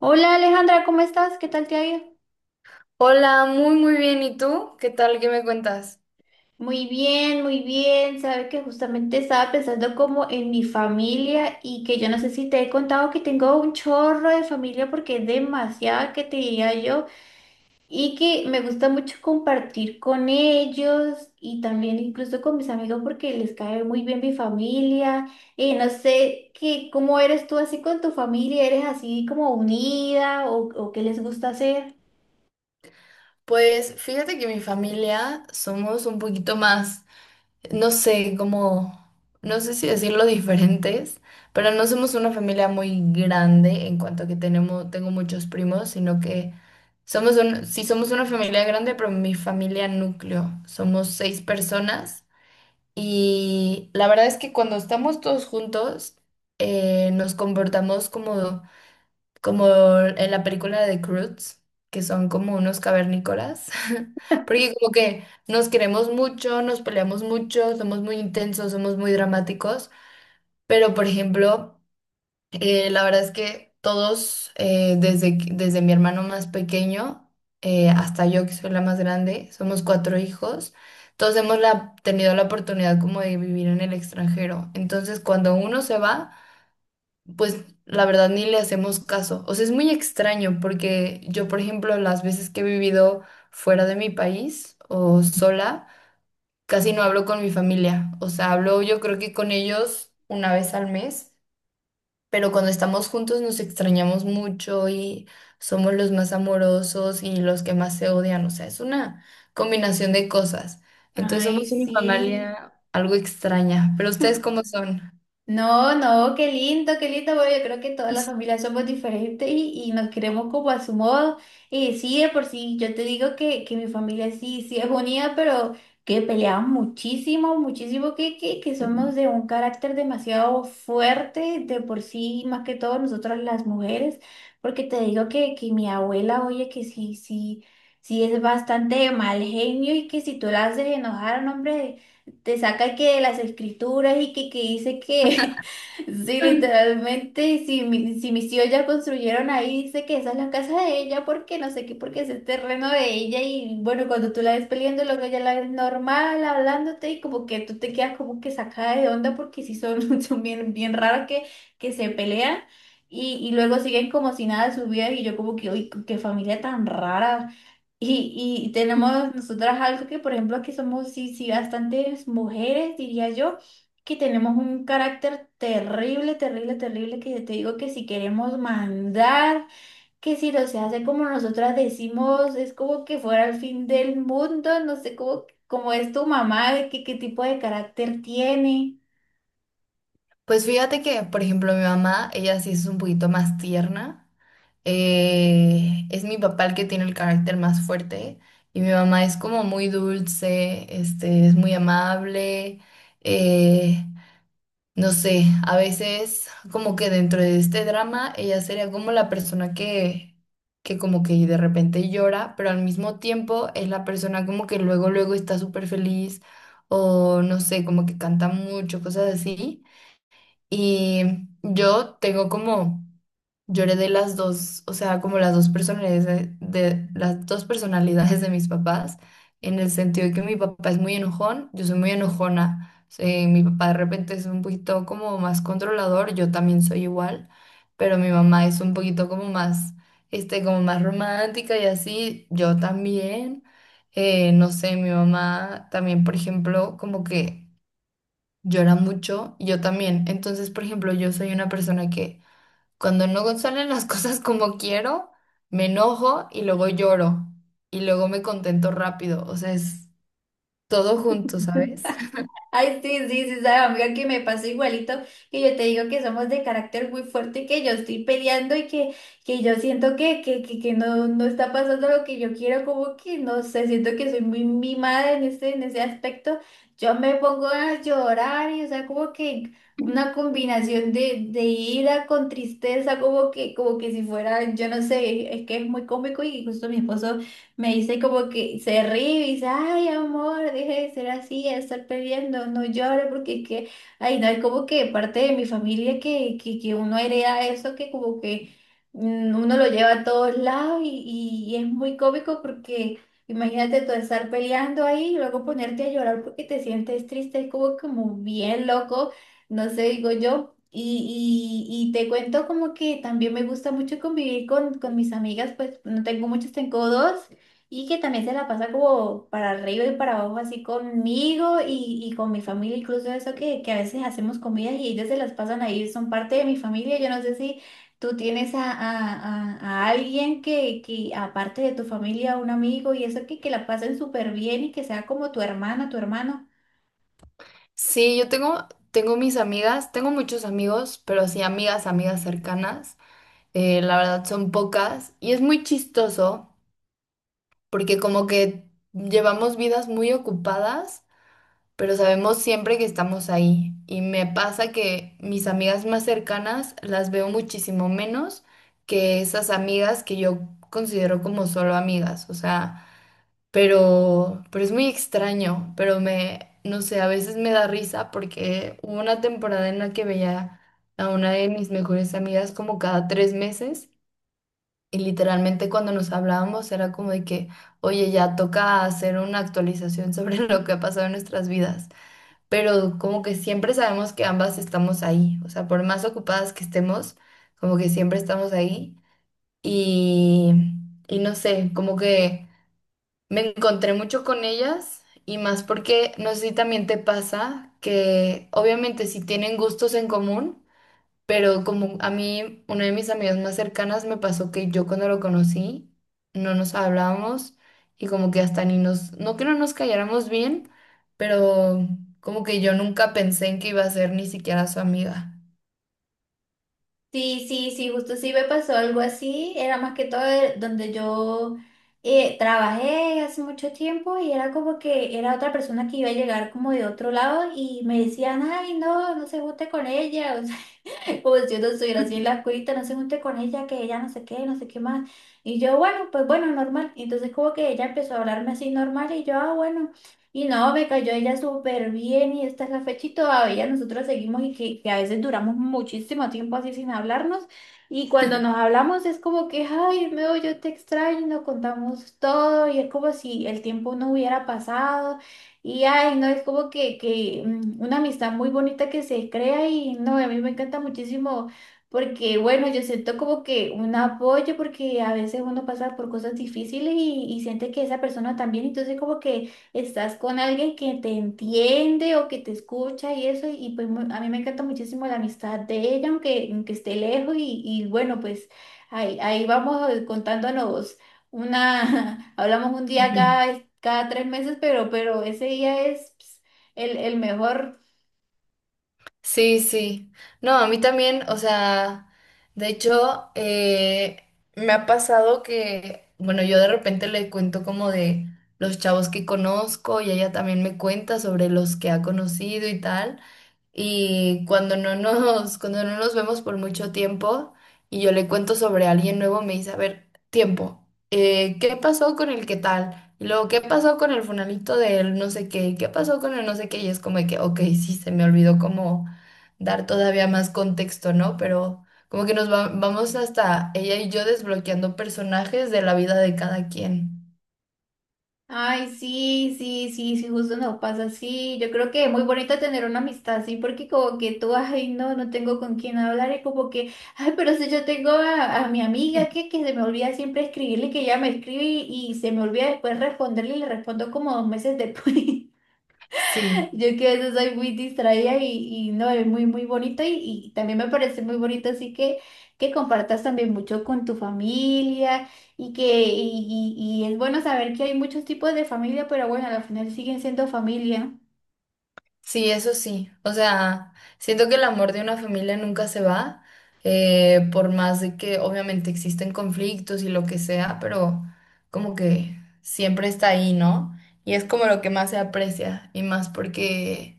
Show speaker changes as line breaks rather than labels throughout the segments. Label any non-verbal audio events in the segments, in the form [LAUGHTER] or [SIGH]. Hola Alejandra, ¿cómo estás? ¿Qué tal te ha ido?
Hola, muy muy bien. ¿Y tú? ¿Qué tal? ¿Qué me cuentas?
Muy bien, muy bien. Sabe que justamente estaba pensando como en mi familia y que yo no sé si te he contado que tengo un chorro de familia porque es demasiada que te diría yo y que me gusta mucho compartir con ellos y también incluso con mis amigos porque les cae muy bien mi familia. No sé qué, cómo eres tú así con tu familia, ¿eres así como unida o qué les gusta hacer?
Pues fíjate que mi familia somos un poquito más, no sé, como, no sé si decirlo [LAUGHS] diferentes, pero no somos una familia muy grande en cuanto a que tenemos, tengo muchos primos, sino que somos un, sí somos una familia grande, pero mi familia núcleo, somos 6 personas. Y la verdad es que cuando estamos todos juntos, nos comportamos como como en la película de Croods, que son como unos cavernícolas, [LAUGHS] porque como que nos queremos mucho, nos peleamos mucho, somos muy intensos, somos muy dramáticos, pero por ejemplo, la verdad es que todos, desde, desde mi hermano más pequeño hasta yo que soy la más grande, somos 4 hijos. Todos hemos tenido la oportunidad como de vivir en el extranjero. Entonces, cuando uno se va, pues la verdad ni le hacemos caso. O sea, es muy extraño porque yo, por ejemplo, las veces que he vivido fuera de mi país o sola, casi no hablo con mi familia. O sea, hablo yo creo que con ellos 1 vez al mes, pero cuando estamos juntos nos extrañamos mucho y somos los más amorosos y los que más se odian. O sea, es una combinación de cosas. Entonces
Ay,
somos una
sí.
familia algo extraña, pero ¿ustedes cómo son?
No, no, qué lindo, qué lindo. Bueno, yo creo que todas las familias somos diferentes y nos queremos como a su modo. Y sí, de por sí, yo te digo que mi familia sí, sí es unida, pero que peleamos muchísimo, muchísimo, que somos
[LAUGHS]
de un carácter demasiado fuerte, de por sí, más que todo nosotras las mujeres, porque te digo que mi abuela, oye, que sí, sí, sí es bastante mal genio y que si tú la haces enojar, no, hombre, te saca que las escrituras y que dice que [LAUGHS] sí, literalmente, si mis tíos ya construyeron ahí, dice que esa es la casa de ella, porque no sé qué, porque es el terreno de ella y bueno, cuando tú la ves peleando, luego ella la ves normal, hablándote y como que tú te quedas como que sacada de onda porque sí son, [LAUGHS] son bien, bien raros que se pelean. Y luego siguen como si nada de su vida y yo como que, uy, qué familia tan rara. Y tenemos nosotras algo que, por ejemplo, que somos, sí, sí, bastantes mujeres, diría yo, que tenemos un carácter terrible, terrible, terrible, que te digo que si queremos mandar, que si no se hace como nosotras decimos, es como que fuera el fin del mundo. No sé cómo es tu mamá, qué tipo de carácter tiene.
Pues fíjate que, por ejemplo, mi mamá, ella sí es un poquito más tierna. Es mi papá el que tiene el carácter más fuerte y mi mamá es como muy dulce, este, es muy amable. eh, no sé, a veces como que dentro de este drama ella sería como la persona que como que de repente llora, pero al mismo tiempo es la persona como que luego, luego está súper feliz o no sé, como que canta mucho, cosas así. Y yo tengo como, yo heredé las dos, o sea, como las dos personalidades de, las dos personalidades de mis papás, en el sentido de que mi papá es muy enojón, yo soy muy enojona. Mi papá de repente es un poquito como más controlador, yo también soy igual, pero mi mamá es un poquito como más, este, como más romántica y así, yo también. No sé, mi mamá también, por ejemplo, como que llora mucho y yo también. Entonces, por ejemplo, yo soy una persona que cuando no [LAUGHS] salen las cosas como quiero, me enojo y luego lloro y luego me contento rápido. O sea, es todo junto, ¿sabes? [LAUGHS]
Ay, sí, sí, sí, sabe, amiga, que me pasó igualito, que yo te digo que somos de carácter muy fuerte, que yo estoy peleando y que yo siento que no, no está pasando lo que yo quiero, como que no sé, siento que soy muy mimada en ese aspecto. Yo me pongo a llorar y, o sea, como que una combinación de ira con tristeza, como que si fuera, yo no sé, es que es muy cómico y justo mi esposo. Me dice como que se ríe y dice, ay, amor, deje de ser así, de estar peleando, no llores, porque es que, ay, no, es como que parte de mi familia que uno hereda eso, que como que uno lo lleva a todos lados y es muy cómico porque imagínate tú estar peleando ahí y luego ponerte a llorar porque te sientes triste, es como bien loco, no sé, digo yo. Y te cuento como que también me gusta mucho convivir con mis amigas. Pues no tengo muchas, tengo dos y que también se la pasa como para arriba y para abajo así conmigo y con mi familia, incluso eso que a veces hacemos comidas y ellos se las pasan ahí, son parte de mi familia. Yo no sé si tú tienes a alguien que aparte de tu familia, un amigo y eso que la pasen súper bien y que sea como tu hermana, tu hermano.
Sí, yo tengo mis amigas, tengo muchos amigos, pero sí amigas, amigas cercanas. La verdad son pocas y es muy chistoso porque como que llevamos vidas muy ocupadas. Pero sabemos siempre que estamos ahí. Y me pasa que mis amigas más cercanas las veo muchísimo menos que esas amigas que yo considero como solo amigas, o sea, pero, es muy extraño, pero me, no sé, a veces me da risa porque hubo una temporada en la que veía a una de mis mejores amigas como cada 3 meses. Y literalmente cuando nos hablábamos era como de que, oye, ya toca hacer una actualización sobre [LAUGHS] lo que ha pasado en nuestras vidas, pero como que siempre sabemos que ambas estamos ahí, o sea, por más ocupadas que estemos, como que siempre estamos ahí y, no sé, como que me encontré mucho con ellas y más porque no sé si también te pasa que obviamente si tienen gustos en común, pero como a mí, una de mis amigas más cercanas me pasó que yo cuando lo conocí no nos hablábamos y como que hasta ni nos, no que no nos calláramos bien, pero como que yo nunca pensé en que iba a ser ni siquiera su amiga.
Sí, sí, sí, justo sí me pasó algo así. Era más que todo donde yo trabajé hace mucho tiempo y era como que era otra persona que iba a llegar como de otro lado y me decían, ay, no, no se guste con ella. [LAUGHS] [LAUGHS] Como si yo no estuviera así en la cuita, no se junte con ella, que ella no sé qué, no sé qué más. Y yo, bueno, pues bueno, normal. Entonces como que ella empezó a hablarme así normal y yo, ah, bueno. Y no, me cayó ella súper bien y esta es la fecha y todavía nosotros seguimos y que a veces duramos muchísimo tiempo así sin hablarnos. Y cuando nos
[LAUGHS]
hablamos es como que, ay, Meo, yo te extraño, nos contamos todo y es como si el tiempo no hubiera pasado. Y ay, no, es como que una amistad muy bonita que se crea. Y no, a mí me encanta muchísimo porque, bueno, yo siento como que un apoyo porque a veces uno pasa por cosas difíciles y siente que esa persona también. Entonces como que estás con alguien que te entiende o que te escucha y eso, y pues a mí me encanta muchísimo la amistad de ella, aunque esté lejos y bueno, pues ahí vamos contándonos. Una, [LAUGHS] hablamos un día
Ujú.
cada 3 meses, pero ese día es ps, el mejor.
Sí, sí. No, a mí también, o sea, de hecho, me ha pasado que, bueno, yo de repente le cuento como de los chavos que conozco y ella también me cuenta sobre los que ha conocido y tal. Y cuando no nos vemos por mucho tiempo y yo le cuento sobre alguien nuevo, me dice, a ver, tiempo, ¿qué pasó con el qué tal? Y luego, ¿qué pasó con el funalito del no sé qué? ¿Qué pasó con el no sé qué? Y es como de que, ok, sí, se me olvidó como dar todavía más contexto, ¿no? Pero como que vamos hasta ella y yo desbloqueando personajes de la vida de cada quien.
Ay, sí, sí, sí, sí, justo nos pasa así. Yo creo que es muy bonito tener una amistad así, porque como que tú, ay, no, no tengo con quién hablar, y como que, ay, pero si yo tengo a mi amiga que se me olvida siempre escribirle, que ella me escribe y se me olvida después responderle y le respondo como 2 meses después. [LAUGHS]
Sí.
Yo que a veces soy muy distraída y no, es muy, muy bonito y también me parece muy bonito, así que compartas también mucho con tu familia y es bueno saber que hay muchos tipos de familia, pero bueno, al final siguen siendo familia.
Sí, eso sí. O sea, siento que el amor de una familia nunca se va, por más de que obviamente existen conflictos y lo que sea, pero como que siempre está ahí, ¿no? Y es como lo que más se aprecia, y más porque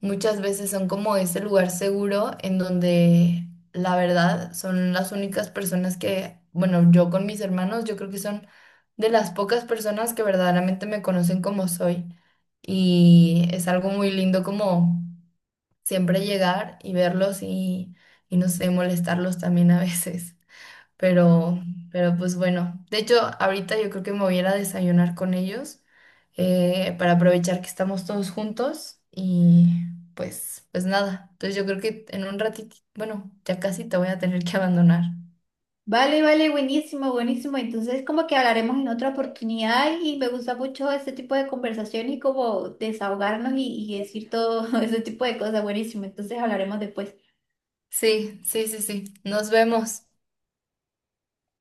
muchas veces son como ese lugar seguro en donde la verdad son las únicas personas que, bueno, yo con mis hermanos, yo creo que son de las pocas personas que verdaderamente me conocen como soy. Y es algo muy lindo como siempre llegar y verlos y, no sé, molestarlos también a veces. Pero, pero pues bueno, de hecho ahorita yo creo que me voy a ir a desayunar con ellos para aprovechar que estamos todos juntos y pues nada. Entonces yo creo que en un ratito, bueno, ya casi te voy a tener que [LAUGHS] abandonar.
Vale, vale, buenísimo, buenísimo. Entonces como que hablaremos en otra oportunidad y me gusta mucho este tipo de conversación y como desahogarnos y decir todo [LAUGHS] ese tipo de cosas, buenísimo. Entonces hablaremos después.
Sí, sí, sí, sí. Nos vemos.